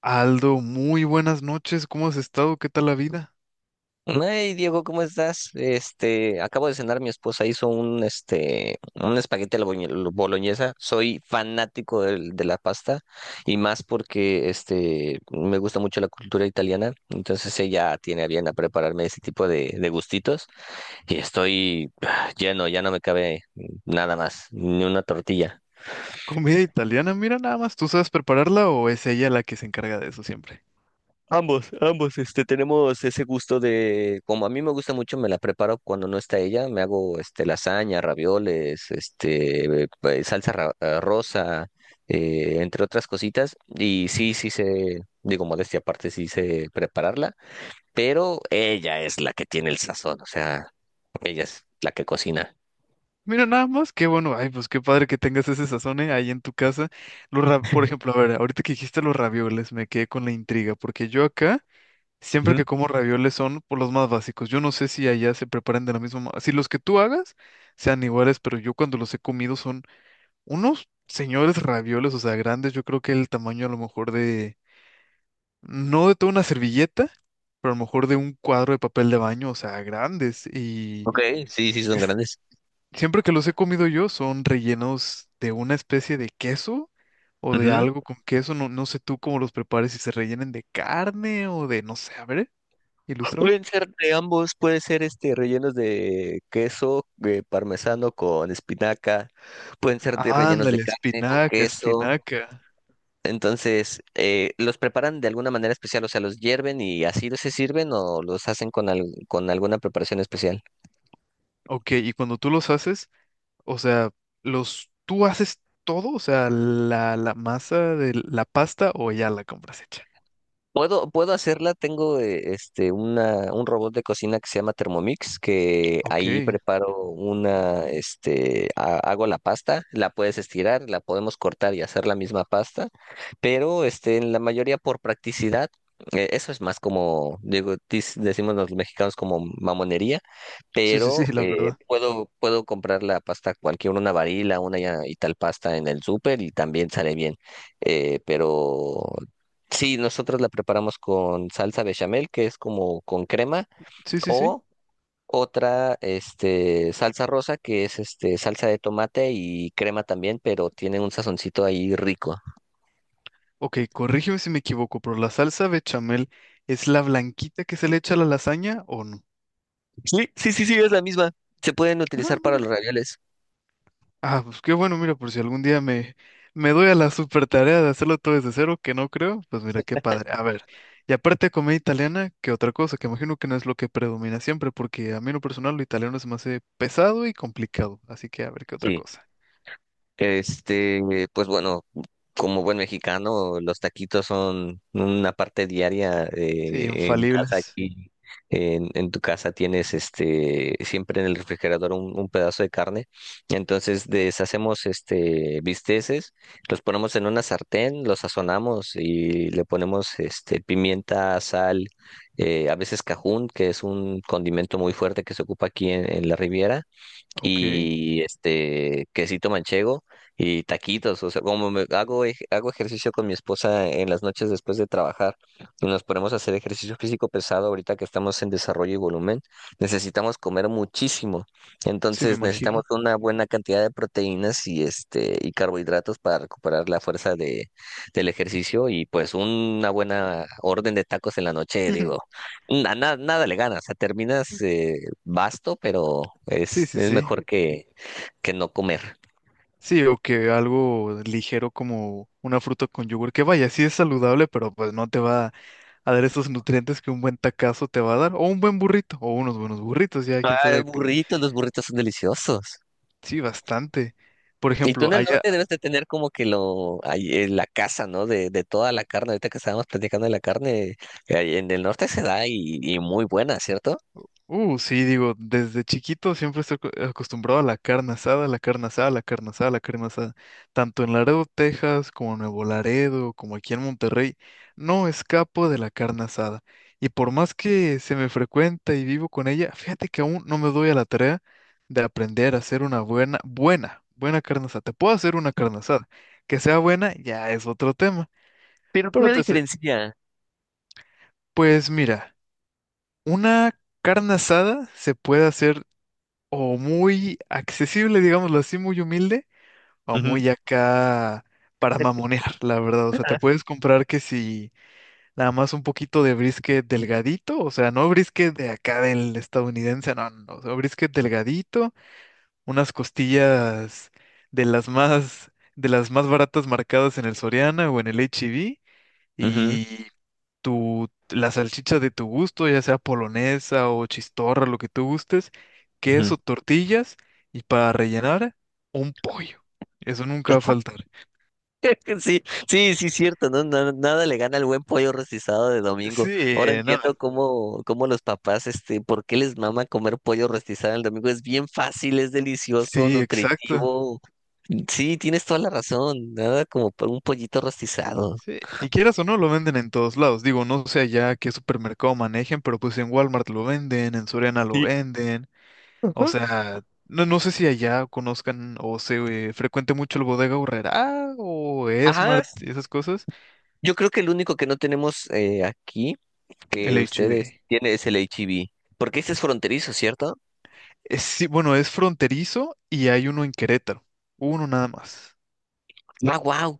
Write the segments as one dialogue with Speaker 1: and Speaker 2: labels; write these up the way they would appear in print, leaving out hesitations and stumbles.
Speaker 1: Aldo, muy buenas noches. ¿Cómo has estado? ¿Qué tal la vida?
Speaker 2: Hey Diego, ¿cómo estás? Acabo de cenar, mi esposa hizo un un espagueti a la boloñesa. Soy fanático de la pasta y más porque me gusta mucho la cultura italiana. Entonces ella tiene a bien a prepararme ese tipo de gustitos y estoy lleno, ya no me cabe nada más, ni una tortilla.
Speaker 1: Comida italiana, mira nada más. ¿Tú sabes prepararla o es ella la que se encarga de eso siempre?
Speaker 2: Ambos, ambos, tenemos ese gusto de, como a mí me gusta mucho, me la preparo cuando no está ella, me hago, lasaña, ravioles, salsa rosa, entre otras cositas, y sí, sí sé, digo, modestia aparte, sí sé prepararla, pero ella es la que tiene el sazón, o sea, ella es la que cocina.
Speaker 1: Mira nada más, qué bueno. Ay, pues qué padre que tengas ese sazón ahí en tu casa. Por ejemplo, a ver, ahorita que dijiste los ravioles, me quedé con la intriga, porque yo acá, siempre
Speaker 2: Ujú.
Speaker 1: que como ravioles son por los más básicos. Yo no sé si allá se preparan de la misma manera. Si los que tú hagas sean iguales, pero yo cuando los he comido son unos señores ravioles, o sea, grandes. Yo creo que el tamaño a lo mejor de no de toda una servilleta, pero a lo mejor de un cuadro de papel de baño, o sea, grandes. Y
Speaker 2: Ok, sí, sí
Speaker 1: que
Speaker 2: son
Speaker 1: s-
Speaker 2: grandes.
Speaker 1: siempre que los he comido yo son rellenos de una especie de queso o de algo con queso. No, no sé tú cómo los prepares, si se rellenen de carne o de, no sé, a ver, ilústrame.
Speaker 2: Pueden ser de ambos, puede ser rellenos de queso, de parmesano con espinaca, pueden ser de rellenos de
Speaker 1: Ándale,
Speaker 2: carne con
Speaker 1: espinaca,
Speaker 2: queso.
Speaker 1: espinaca.
Speaker 2: Entonces, los preparan de alguna manera especial, o sea, los hierven y así se sirven o los hacen con con alguna preparación especial.
Speaker 1: Ok, y cuando tú los haces, o sea, los, tú haces todo, o sea, la masa de la pasta o ya la compras hecha.
Speaker 2: Puedo hacerla, tengo un robot de cocina que se llama Thermomix, que ahí
Speaker 1: Ok.
Speaker 2: preparo hago la pasta, la puedes estirar, la podemos cortar y hacer la misma pasta, pero en la mayoría por practicidad, eso es más como, digo, decimos los mexicanos como mamonería,
Speaker 1: Sí, sí, sí,
Speaker 2: pero
Speaker 1: la
Speaker 2: eh,
Speaker 1: verdad.
Speaker 2: puedo, puedo comprar la pasta cualquier, una varila, y tal pasta en el súper y también sale bien. Pero sí, nosotros la preparamos con salsa bechamel, que es como con crema,
Speaker 1: Sí, sí, sí.
Speaker 2: o otra, salsa rosa, que es salsa de tomate y crema también, pero tiene un sazoncito ahí rico.
Speaker 1: Ok, corrígeme si me equivoco, pero ¿la salsa bechamel es la blanquita que se le echa a la lasaña o no?
Speaker 2: Sí, sí, sí, sí, es la misma. Se pueden
Speaker 1: Ah,
Speaker 2: utilizar para
Speaker 1: mira.
Speaker 2: los ravioles.
Speaker 1: Ah, pues qué bueno, mira, por si algún día me doy a la super tarea de hacerlo todo desde cero, que no creo, pues mira, qué padre. A ver, y aparte de comida italiana, ¿qué otra cosa? Que imagino que no es lo que predomina siempre, porque a mí en lo personal lo italiano se me hace pesado y complicado. Así que a ver, ¿qué otra
Speaker 2: Sí.
Speaker 1: cosa?
Speaker 2: Este, pues bueno, como buen mexicano, los taquitos son una parte diaria
Speaker 1: Sí,
Speaker 2: en casa
Speaker 1: infalibles.
Speaker 2: aquí. En tu casa tienes siempre en el refrigerador un pedazo de carne. Entonces deshacemos bisteces, los ponemos en una sartén, los sazonamos y le ponemos pimienta, sal, a veces cajún, que es un condimento muy fuerte que se ocupa aquí en la Riviera
Speaker 1: Ok,
Speaker 2: y este quesito manchego y taquitos, o sea, como hago ejercicio con mi esposa en las noches después de trabajar y nos ponemos a hacer ejercicio físico pesado ahorita que estamos en desarrollo y volumen, necesitamos comer muchísimo.
Speaker 1: sí, me
Speaker 2: Entonces necesitamos
Speaker 1: imagino.
Speaker 2: una buena cantidad de proteínas y y carbohidratos para recuperar la fuerza del ejercicio y pues una buena orden de tacos en la noche, digo, nada le ganas, o sea, terminas vasto, pero
Speaker 1: Sí,
Speaker 2: es,
Speaker 1: sí,
Speaker 2: es
Speaker 1: sí.
Speaker 2: mejor que, no comer.
Speaker 1: Sí, o que algo ligero como una fruta con yogur, que vaya, sí es saludable, pero pues no te va a dar esos nutrientes que un buen tacazo te va a dar, o un buen burrito, o unos buenos burritos, ya quién
Speaker 2: Ah,
Speaker 1: sabe.
Speaker 2: burritos, los burritos son deliciosos.
Speaker 1: Sí, bastante. Por
Speaker 2: Y tú en
Speaker 1: ejemplo,
Speaker 2: el
Speaker 1: allá,
Speaker 2: norte debes de tener como que lo, ahí, la casa, ¿no? De toda la carne. Ahorita que estábamos platicando de la carne, en el norte se da y muy buena, ¿cierto?
Speaker 1: Sí, digo, desde chiquito siempre estoy acostumbrado a la carne asada, la carne asada, la carne asada, la carne asada. Tanto en Laredo, Texas, como en Nuevo Laredo, como aquí en Monterrey, no escapo de la carne asada. Y por más que se me frecuenta y vivo con ella, fíjate que aún no me doy a la tarea de aprender a hacer una buena, buena, buena carne asada. Te puedo hacer una carne asada. Que sea buena ya es otro tema.
Speaker 2: Pero ¿qué
Speaker 1: Pero
Speaker 2: la diferencia?
Speaker 1: pues mira, una carne asada se puede hacer o muy accesible, digámoslo así, muy humilde, o
Speaker 2: Ujú,
Speaker 1: muy acá para mamonear, la verdad. O sea, te puedes comprar que si nada más un poquito de brisket delgadito, o sea, no brisket de acá del estadounidense, no, no, no, o sea, brisket delgadito, unas costillas de las más, de las más baratas marcadas en el Soriana o en el
Speaker 2: ujú,
Speaker 1: H-E-B, la salchicha de tu gusto, ya sea polonesa o chistorra, lo que tú gustes,
Speaker 2: ujú.
Speaker 1: queso, tortillas y para rellenar un pollo. Eso nunca va a faltar.
Speaker 2: Sí, sí, sí, cierto, ¿no? Nada le gana el buen pollo rostizado de domingo.
Speaker 1: Sí,
Speaker 2: Ahora
Speaker 1: no,
Speaker 2: entiendo cómo los papás, por qué les mama comer pollo rostizado el domingo. Es bien fácil, es delicioso,
Speaker 1: sí, exacto.
Speaker 2: nutritivo. Sí, tienes toda la razón. Nada como para un pollito rostizado.
Speaker 1: Sí, y quieras o no, lo venden en todos lados. Digo, no sé allá qué supermercado manejen, pero pues en Walmart lo venden, en Soriana lo
Speaker 2: Sí.
Speaker 1: venden. O
Speaker 2: Ajá.
Speaker 1: sea, no, no sé si allá conozcan o se frecuente mucho el Bodega Aurrerá o
Speaker 2: Ajá.
Speaker 1: Smart y esas cosas.
Speaker 2: Yo creo que el único que no tenemos aquí que
Speaker 1: El
Speaker 2: ustedes
Speaker 1: HD.
Speaker 2: tienen es el H-E-B. Porque ese es fronterizo, ¿cierto?
Speaker 1: Sí, bueno, es fronterizo y hay uno en Querétaro, uno nada más.
Speaker 2: Ah, wow.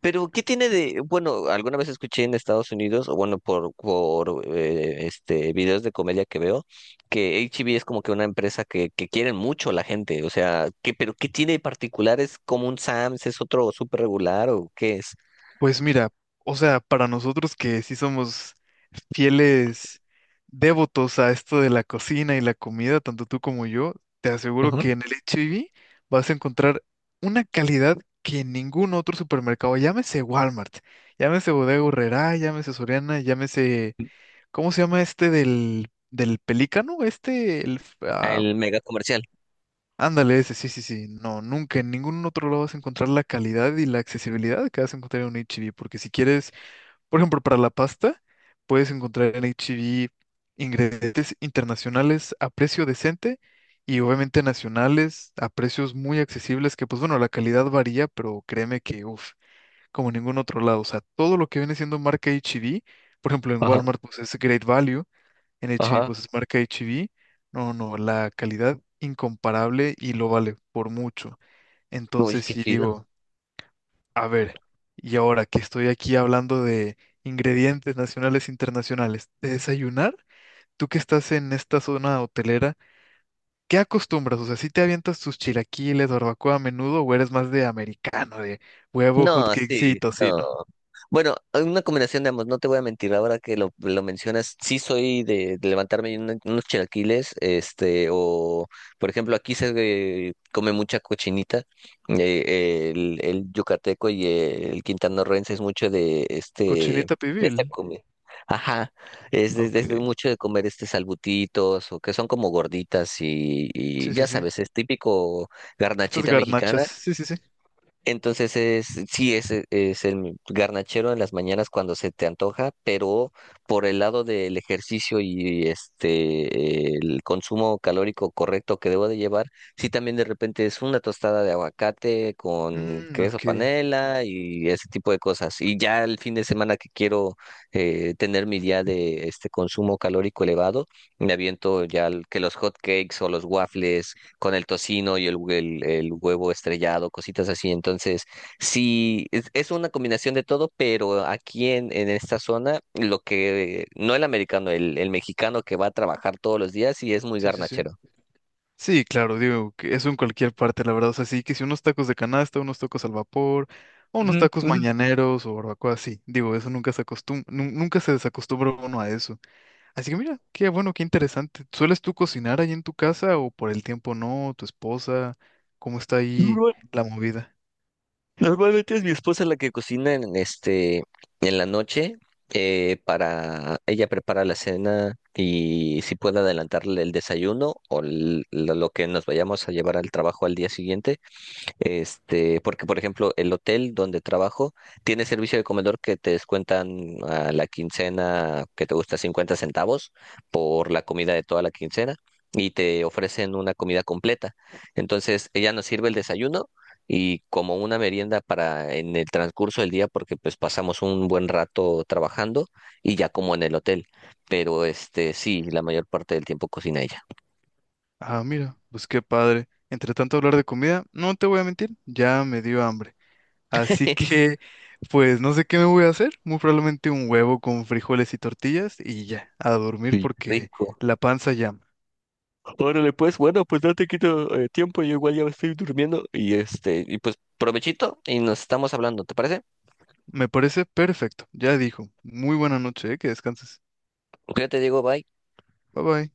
Speaker 2: Pero, ¿qué tiene de...? Bueno, alguna vez escuché en Estados Unidos, o bueno, por videos de comedia que veo, que H-E-B es como que una empresa que quieren mucho la gente. O sea, ¿qué, pero qué tiene de particular? ¿Es como un Sam's? ¿Es otro súper regular o qué es?
Speaker 1: Pues mira, o sea, para nosotros que sí somos fieles devotos a esto de la cocina y la comida, tanto tú como yo, te aseguro
Speaker 2: Ujú.
Speaker 1: que en el H-E-B vas a encontrar una calidad que en ningún otro supermercado, llámese Walmart, llámese Bodega Aurrerá, llámese Soriana, llámese, ¿cómo se llama este del Pelícano?
Speaker 2: El mega comercial.
Speaker 1: Ándale, ese, sí, sí, sí. No, nunca en ningún otro lado vas a encontrar la calidad y la accesibilidad que vas a encontrar en un HEB, porque si quieres, por ejemplo, para la pasta, puedes encontrar en HEB ingredientes internacionales a precio decente y obviamente nacionales a precios muy accesibles, que pues bueno, la calidad varía, pero créeme que, uff, como en ningún otro lado. O sea, todo lo que viene siendo marca HEB, por ejemplo, en
Speaker 2: Ajá,
Speaker 1: Walmart, pues es Great Value, en HB,
Speaker 2: ajá.
Speaker 1: pues es marca HB. No, no, la calidad incomparable y lo vale por mucho.
Speaker 2: Uy,
Speaker 1: Entonces
Speaker 2: qué
Speaker 1: sí
Speaker 2: chido.
Speaker 1: digo, a ver, y ahora que estoy aquí hablando de ingredientes nacionales e internacionales, de desayunar, tú que estás en esta zona hotelera, ¿qué acostumbras? O sea, ¿si te avientas tus chilaquiles, barbacoa a menudo o eres más de americano, de huevo, hot
Speaker 2: No,
Speaker 1: cakes y
Speaker 2: sí, no.
Speaker 1: tocino?
Speaker 2: Bueno, hay una combinación de ambos, no te voy a mentir, ahora que lo mencionas, sí soy de levantarme y unos chilaquiles, o por ejemplo aquí se come mucha cochinita, el yucateco y el quintanarroense es mucho de
Speaker 1: Cochinita
Speaker 2: esta
Speaker 1: pibil.
Speaker 2: comida. Ajá, es de,
Speaker 1: Ok,
Speaker 2: es de mucho de comer salbutitos o que son como gorditas y
Speaker 1: sí, sí,
Speaker 2: ya
Speaker 1: sí.
Speaker 2: sabes, es típico
Speaker 1: Estas
Speaker 2: garnachita
Speaker 1: garnachas,
Speaker 2: mexicana
Speaker 1: sí, sí, sí.
Speaker 2: entonces sí, es el garnachero en las mañanas cuando se te antoja, pero por el lado del ejercicio y el consumo calórico correcto que debo de llevar, sí también de repente es una tostada de aguacate con
Speaker 1: Mm,
Speaker 2: queso
Speaker 1: ok,
Speaker 2: panela y ese tipo de cosas. Y ya el fin de semana que quiero tener mi día de consumo calórico elevado, me aviento ya que los hot cakes o los waffles con el tocino y el huevo estrellado, cositas así. Entonces, sí, es una combinación de todo, pero aquí en esta zona, lo que, no el americano, el mexicano que va a trabajar todos los días y es muy
Speaker 1: sí, sí, sí.
Speaker 2: garnachero.
Speaker 1: Sí, claro, digo, que eso en cualquier parte, la verdad. O sea, sí que si unos tacos de canasta, unos tacos al vapor, o unos tacos mañaneros o barbacoa, sí. Digo, eso nunca se acostumbra, nunca se desacostumbra uno a eso. Así que mira, qué bueno, qué interesante. ¿Sueles tú cocinar ahí en tu casa o por el tiempo no? ¿Tu esposa? ¿Cómo está ahí
Speaker 2: Normal-
Speaker 1: la movida?
Speaker 2: normalmente es mi esposa la que cocina en en la noche. Para ella prepara la cena y si puede adelantarle el desayuno o lo que nos vayamos a llevar al trabajo al día siguiente. Porque por ejemplo, el hotel donde trabajo tiene servicio de comedor que te descuentan a la quincena que te gusta 50 centavos por la comida de toda la quincena y te ofrecen una comida completa. Entonces, ella nos sirve el desayuno y como una merienda para en el transcurso del día porque pues pasamos un buen rato trabajando y ya como en el hotel. Pero sí, la mayor parte del tiempo cocina ella.
Speaker 1: Ah, mira, pues qué padre. Entre tanto hablar de comida, no te voy a mentir, ya me dio hambre. Así que, pues no sé qué me voy a hacer. Muy probablemente un huevo con frijoles y tortillas y ya, a dormir
Speaker 2: Sí.
Speaker 1: porque
Speaker 2: Rico.
Speaker 1: la panza llama.
Speaker 2: Órale, pues, bueno, pues no te quito tiempo, yo igual ya estoy durmiendo y y pues provechito y nos estamos hablando, ¿te parece?
Speaker 1: Me parece perfecto. Ya dijo. Muy buena noche, ¿eh? Que descanses.
Speaker 2: Ok, te digo, bye.
Speaker 1: Bye bye.